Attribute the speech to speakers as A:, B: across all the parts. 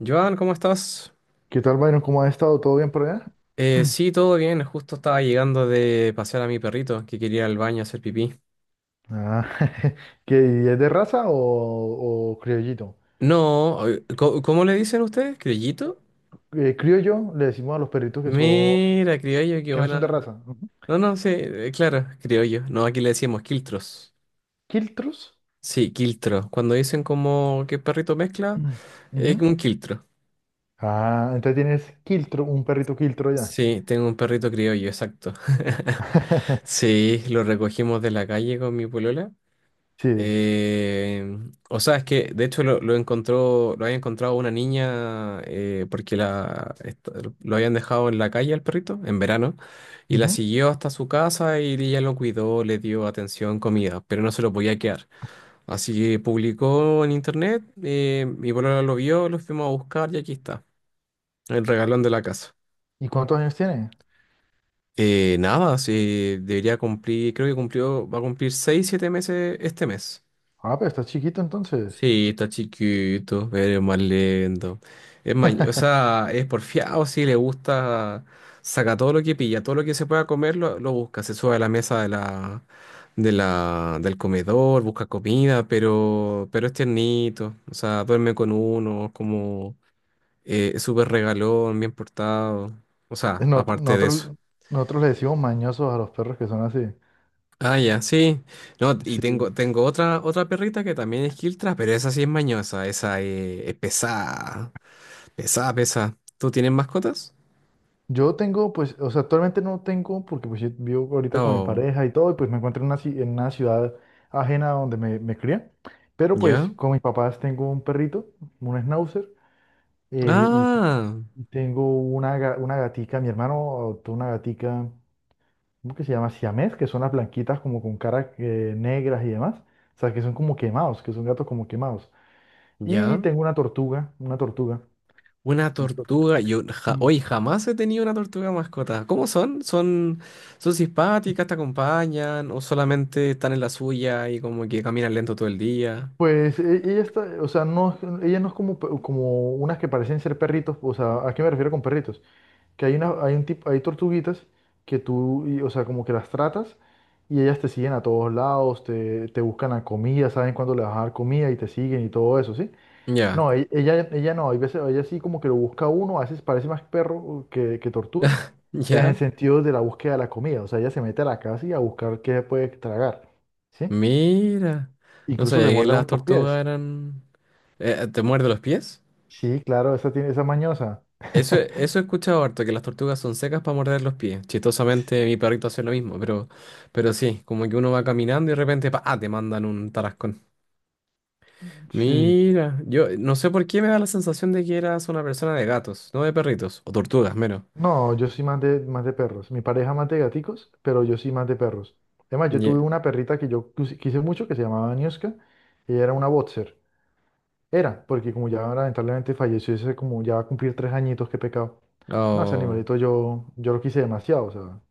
A: Joan, ¿cómo estás?
B: ¿Qué tal, Byron? ¿Cómo has estado? ¿Todo bien por allá?
A: Sí, todo bien. Justo estaba llegando de pasear a mi perrito que quería ir al baño a hacer pipí.
B: Ah, ¿Qué, es de raza o criollito?
A: No, ¿cómo le dicen ustedes? ¿Criollito?
B: Criollo le decimos a los perritos que son,
A: Mira, criollo, qué
B: que no son de
A: buena.
B: raza. Ujú.
A: No, no, sí, claro, criollo. No, aquí le decíamos quiltros.
B: ¿Quiltros?
A: Sí, quiltro. Cuando dicen como que perrito mezcla,
B: Mm.
A: es
B: Ujú.
A: un quiltro.
B: Ah, entonces tienes quiltro, un perrito quiltro ya.
A: Sí, tengo un perrito criollo, exacto. Sí, lo recogimos de la calle con mi polola.
B: Sí.
A: Eh, o sea, es que de hecho lo encontró, lo había encontrado una niña porque lo habían dejado en la calle al perrito en verano y la
B: Ujú.
A: siguió hasta su casa y ella lo cuidó, le dio atención, comida, pero no se lo podía quedar. Así que publicó en internet, mi polola lo vio, lo fuimos a buscar y aquí está, el regalón de la casa.
B: ¿Y cuántos años tiene?
A: Nada, sí, debería cumplir, creo que cumplió, va a cumplir 6, 7 meses este mes.
B: Ah, pero estás chiquito entonces.
A: Sí, está chiquito, pero es más lento. Es o sea, es porfiado, sí, le gusta, saca todo lo que pilla, todo lo que se pueda comer lo busca, se sube a la mesa del comedor, busca comida, pero es tiernito, o sea, duerme con uno, es como es súper regalón, bien portado, o sea,
B: Nosotros,
A: aparte de eso.
B: nosotros, nosotros le decimos mañosos a los perros que son así.
A: Ah, ya, sí. No, y
B: Sí.
A: tengo otra, otra perrita que también es Kiltra, pero esa sí es mañosa, esa es pesada. Pesa, pesa. ¿Tú tienes mascotas?
B: Yo tengo, pues, o sea, actualmente no tengo, porque pues yo vivo ahorita con mi
A: Oh,
B: pareja y todo, y pues me encuentro en en una ciudad ajena a donde me crié, pero
A: ya.
B: pues con mis papás tengo un perrito, un schnauzer, eh, y
A: Ah,
B: y tengo una gatica, mi hermano adoptó una gatica, ¿cómo que se llama? Siamés, que son las blanquitas como con caras negras y demás, o sea, que son como quemados, que son gatos como quemados. Y
A: ya.
B: tengo una tortuga, una tortuga.
A: Una
B: Una tortuga.
A: tortuga. Hoy jamás he tenido una tortuga mascota. ¿Cómo son? Son? ¿Son simpáticas, te acompañan o solamente están en la suya y como que caminan lento todo el día?
B: Pues ella está, o sea, no, ella no es como unas que parecen ser perritos, o sea, ¿a qué me refiero con perritos? Que hay un tipo, hay tortuguitas que tú, o sea, como que las tratas y ellas te siguen a todos lados, te buscan la comida, saben cuándo le vas a dar comida y te siguen y todo eso, ¿sí?
A: Ya,
B: No, ella no, hay veces, ella sí como que lo busca a uno, a veces parece más perro que tortuga, en el
A: ya.
B: sentido de la búsqueda de la comida, o sea, ella se mete a la casa y a buscar qué puede tragar, ¿sí?
A: Mira. No
B: Incluso
A: sabía
B: le
A: que
B: muerde a
A: las
B: uno los
A: tortugas
B: pies.
A: eran... ¿te muerde los pies?
B: Sí, claro, esa tiene esa mañosa.
A: Eso, eso he escuchado harto, que las tortugas son secas para morder los pies. Chistosamente, mi perrito hace lo mismo, pero sí, como que uno va caminando y de repente, pa, ah, te mandan un tarascón.
B: Sí.
A: Mira, yo no sé por qué me da la sensación de que eras una persona de gatos, no de perritos, o tortugas, menos.
B: No, yo soy más de perros. Mi pareja más de gaticos, pero yo sí más de perros. Además, yo
A: Yeah.
B: tuve una perrita que yo quise mucho, que se llamaba Niuska. Ella era una boxer. Era, porque como ya lamentablemente falleció, ese como ya va a cumplir 3 añitos, qué pecado. No, ese
A: Oh,
B: animalito yo lo quise demasiado, o sea, o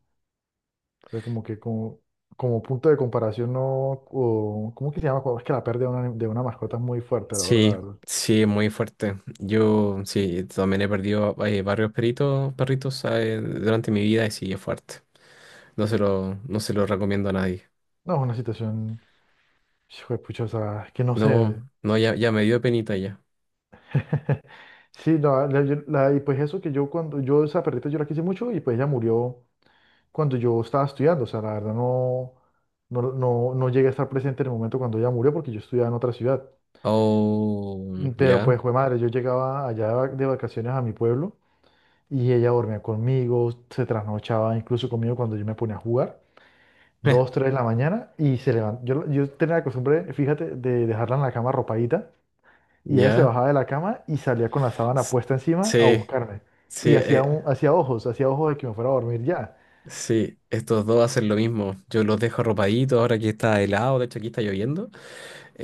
B: sea, como que como punto de comparación, no, o, ¿cómo que se llama? Cuando Es que la pérdida de una mascota es muy fuerte, la verdad,
A: sí,
B: la verdad.
A: sí, muy fuerte. Yo, sí, también he perdido varios perritos durante mi vida y sí, es fuerte. No se lo recomiendo a nadie.
B: No, es una situación. Hijo de pucha, o sea, que no sé.
A: No, no, ya, ya me dio penita ya.
B: Sí, y pues eso que yo cuando yo esa perrita yo la quise mucho y pues ella murió cuando yo estaba estudiando, o sea, la verdad no llegué a estar presente en el momento cuando ella murió porque yo estudiaba en otra ciudad.
A: Oh,
B: Mm. Pero
A: ya,
B: pues, fue madre, yo llegaba allá de vacaciones a mi pueblo y ella dormía conmigo, se trasnochaba incluso conmigo cuando yo me ponía a jugar, 2, 3 de la mañana y se levantaba. Yo tenía la costumbre, fíjate, de dejarla en la cama arropadita. Y ella se
A: ya.
B: bajaba de la cama y salía con la sábana
A: S-
B: puesta encima a
A: Sí,
B: buscarme.
A: sí,
B: Y hacía ojos de que me fuera a dormir ya.
A: sí, estos dos hacen lo mismo. Yo los dejo arropaditos ahora que está helado, de hecho aquí está lloviendo.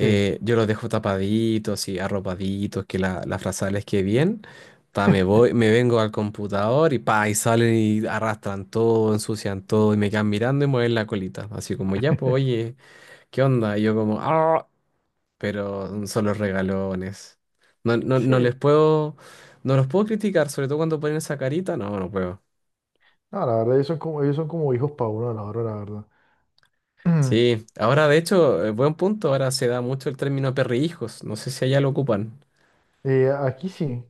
B: Sí,
A: Yo los dejo tapaditos y arropaditos, que la frazada les quede bien. Pa, me voy, me vengo al computador y pa, y salen y arrastran todo, ensucian todo y me quedan mirando y mueven la colita. Así como, ya, pues, oye, ¿qué onda? Y yo como, ¡ah! Pero son los regalones. No, no,
B: sí.
A: no les puedo, no los puedo criticar, sobre todo cuando ponen esa carita, no, no puedo.
B: No, la verdad, ellos son como hijos para uno de la hora, la verdad.
A: Sí, ahora de hecho, buen punto, ahora se da mucho el término perrijos, no sé si allá lo ocupan.
B: Aquí sí.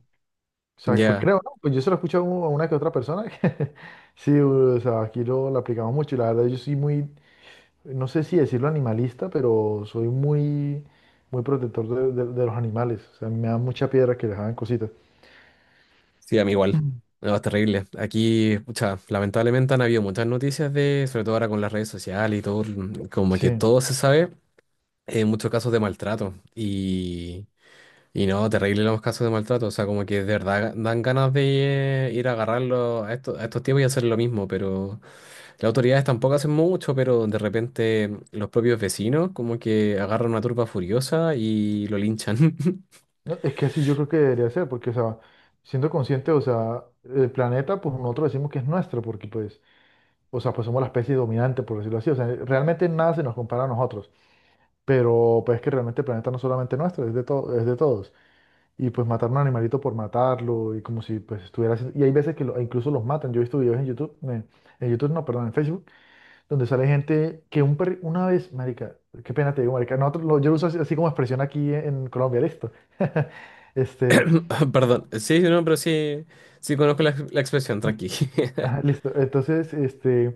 B: O sea, pues
A: Ya,
B: creo, ¿no? Pues yo se lo he escuchado a una que otra persona. Que Sí, o sea, aquí lo aplicamos mucho. Y la verdad, yo soy muy, no sé si decirlo animalista, pero soy muy, muy protector de los animales. O sea, me da mucha piedra que les hagan cositas.
A: sí, a mí igual. No, es terrible. Aquí, pucha, lamentablemente han habido muchas noticias de, sobre todo ahora con las redes sociales y todo, como que
B: Sí.
A: todo se sabe, en muchos casos de maltrato. Y no, terrible los casos de maltrato, o sea, como que de verdad dan ganas de ir a agarrarlo a estos tipos y hacer lo mismo, pero las autoridades tampoco hacen mucho, pero de repente los propios vecinos como que agarran una turba furiosa y lo linchan.
B: No, es que así yo creo que debería ser, porque, o sea, siendo consciente, o sea, el planeta, pues nosotros decimos que es nuestro, porque, pues, o sea, pues somos la especie dominante, por decirlo así, o sea, realmente nada se nos compara a nosotros, pero, pues, es que realmente el planeta no es solamente nuestro, es de todo, es de todos, y, pues, matar un animalito por matarlo, y como si, pues, estuviera haciendo, y hay veces que lo, e incluso los matan, yo he visto videos en YouTube, no, perdón, en Facebook, donde sale gente que una vez, marica, qué pena te digo, marica, yo lo uso así, así como expresión aquí en Colombia, listo, este.
A: Perdón, sí, no, pero sí, sí conozco la expresión, tranqui.
B: Ajá, listo. Entonces, este,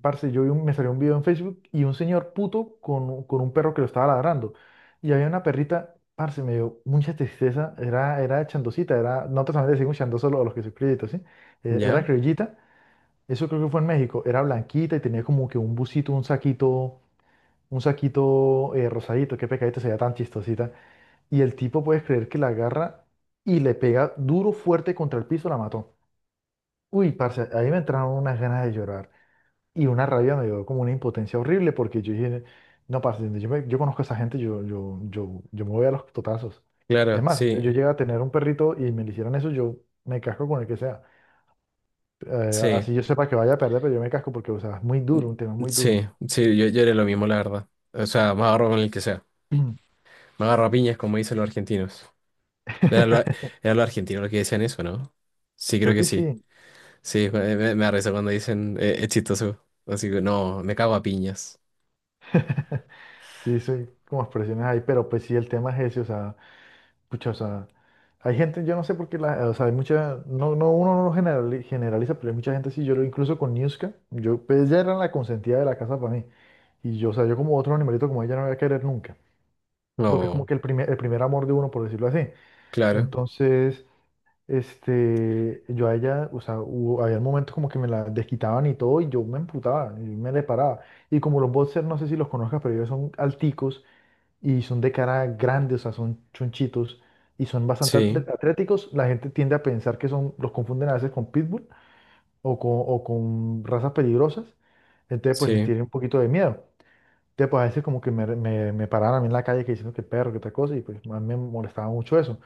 B: parce, yo vi me salió un video en Facebook y un señor puto con un perro que lo estaba ladrando. Y había una perrita, parce, me dio mucha tristeza. Era chandosita, nosotros también le decimos chandoso a los que son criollitos, ¿sí? Era
A: ¿Ya?
B: criollita, eso creo que fue en México. Era blanquita y tenía como que un busito, un saquito rosadito. Qué pecadito, se veía tan chistosita. Y el tipo, puedes creer que la agarra y le pega duro, fuerte contra el piso, la mató. Uy, parce, ahí me entraron unas ganas de llorar. Y una rabia me dio como una impotencia horrible porque yo dije, no, parce, yo conozco a esa gente, yo me voy a los totazos. Es
A: Claro,
B: más, yo,
A: sí,
B: yo llegué a tener un perrito y me le hicieran eso, yo me casco con el que sea.
A: sí,
B: Así yo sepa que vaya a perder, pero yo me casco porque, o sea, es muy duro, un tema muy duro.
A: sí, sí, yo haré lo mismo, la verdad. O sea, me agarro con el que sea, me agarro a piñas como dicen los argentinos. Era lo, era lo argentino lo que decían eso, ¿no? Sí, creo
B: Creo
A: que
B: que
A: sí.
B: sí.
A: Sí, me da risa cuando dicen, es chistoso. Así que no, me cago a piñas.
B: Sí, soy como expresiones ahí, pero pues sí, el tema es ese, o sea. Pucha, o sea, hay gente, yo no sé por qué, o sea, hay mucha, no, no, uno no lo generaliza, pero hay mucha gente, sí, yo lo incluso con Niuska, yo, pues ella era la consentida de la casa para mí, y yo, o sea, yo como otro animalito como ella no voy a querer nunca, porque es como
A: No,
B: que el primer amor de uno, por decirlo así,
A: claro.
B: entonces, este, yo a ella, o sea, había momentos como que me la desquitaban y todo, y yo me emputaba, y me le paraba, y como los boxers, no sé si los conozcas, pero ellos son alticos, y son de cara grande, o sea, son chonchitos y son bastante
A: Sí,
B: atléticos. La gente tiende a pensar los confunden a veces con pitbull o o con razas peligrosas. Entonces, pues les
A: sí.
B: tiene un poquito de miedo. Entonces, pues a veces como que me paraban a mí en la calle que diciendo que perro, que tal cosa, y pues a mí me molestaba mucho eso.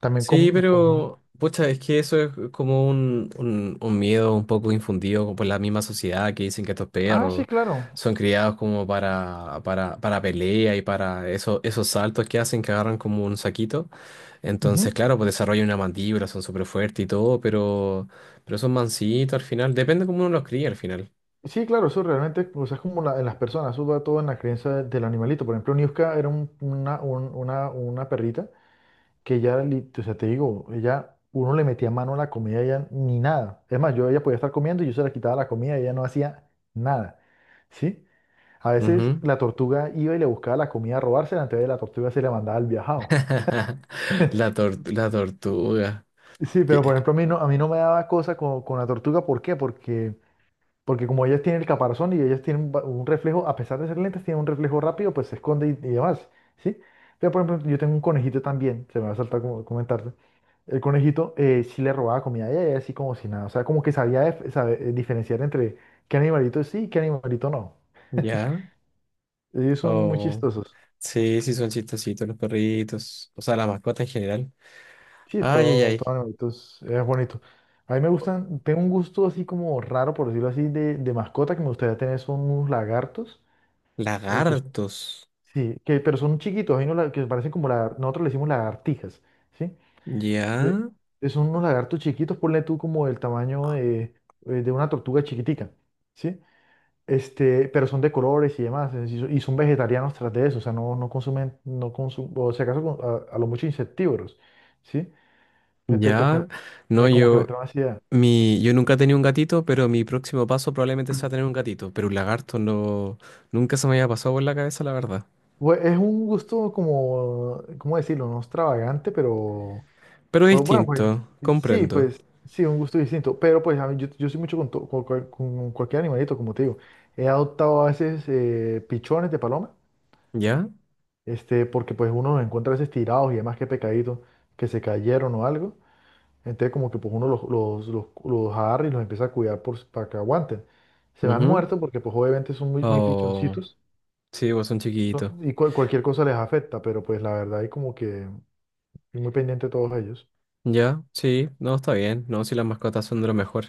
B: También
A: Sí,
B: con, con.
A: pero pucha, es que eso es como un miedo un poco infundido por la misma sociedad que dicen que estos
B: Ah, sí,
A: perros
B: claro.
A: son criados como para pelea y para eso, esos saltos que hacen que agarran como un saquito. Entonces,
B: Ujú.
A: claro, pues desarrollan una mandíbula, son súper fuertes y todo, pero son mansitos al final. Depende cómo uno los cría al final.
B: Sí, claro, eso realmente, o sea, es como en las personas, eso va todo en la creencia del animalito. Por ejemplo, Niuska era una perrita que ya, o sea, te digo, ella, uno le metía mano a la comida, ella ni nada. Es más, yo, ella podía estar comiendo y yo se la quitaba la comida, ella no hacía nada, ¿sí? A veces
A: Ujú.
B: la tortuga iba y le buscaba la comida a robársela, entonces la tortuga se le mandaba al viajado.
A: La tortuga.
B: Sí, pero por
A: ¿Qué?
B: ejemplo, a mí no me daba cosa con la tortuga, ¿por qué? Porque como ellas tienen el caparazón y ellas tienen un reflejo, a pesar de ser lentas, tienen un reflejo rápido, pues se esconde y demás, ¿sí? Pero por ejemplo, yo tengo un conejito también, se me va a saltar como comentarte. El conejito sí le robaba comida a ella, y ella así como si nada. O sea, como que sabía diferenciar entre qué animalito sí y qué animalito no.
A: ¿Ya?
B: Ellos son muy chistosos.
A: Sí, sí, son chistositos los perritos. O sea, la mascota en general.
B: Sí,
A: Ay, ay,
B: todo,
A: ay.
B: todo animalito es bonito. A mí me gustan, tengo un gusto así como raro, por decirlo así, de mascota que me gustaría tener son unos lagartos. eh, que son-
A: Lagartos.
B: sí, pero son chiquitos, hay unos que parecen como nosotros le decimos lagartijas, ¿sí? Eh,
A: Ya,
B: Son unos lagartos chiquitos, ponle tú como el tamaño de una tortuga chiquitica, ¿sí? Este, pero son de colores y demás, es decir, y son vegetarianos tras de eso, o sea, no, no consumen, no consumen, o si acaso a lo mucho insectívoros, ¿sí? Entonces, pues,
A: ya. No,
B: como que me trae ansiedad.
A: yo nunca he tenido un gatito, pero mi próximo paso probablemente sea tener un gatito. Pero un lagarto no, nunca se me había pasado por la cabeza, la verdad.
B: Pues, es un gusto como, ¿cómo decirlo? No extravagante, pero,
A: Pero es
B: pues, bueno,
A: distinto, comprendo.
B: pues, sí, un gusto distinto, pero, pues, yo soy mucho con cualquier animalito, como te digo. He adoptado a veces pichones de paloma,
A: ¿Ya?
B: este, porque, pues, uno los encuentra a veces tirados y demás que pecadito, que se cayeron o algo. Entonces como que pues uno los agarra y los empieza a cuidar para que aguanten. Se van
A: Ujú.
B: muertos porque pues obviamente son muy, muy
A: Oh,
B: pichoncitos
A: sí, vos son chiquitos.
B: y cualquier cosa les afecta, pero pues la verdad hay como que estoy muy pendiente de todos ellos.
A: Ya, sí, no, está bien. No, si las mascotas son de lo mejor.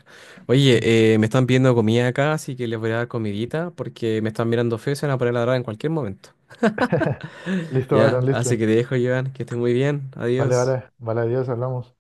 B: Ujú.
A: Oye, me están pidiendo comida acá, así que les voy a dar comidita porque me están mirando feo y se van a poner a ladrar en cualquier momento.
B: Listo,
A: Ya,
B: Aaron,
A: así
B: listo.
A: que te dejo, Joan, que estés muy bien.
B: Vale,
A: Adiós.
B: vale, vale, adiós, hablamos.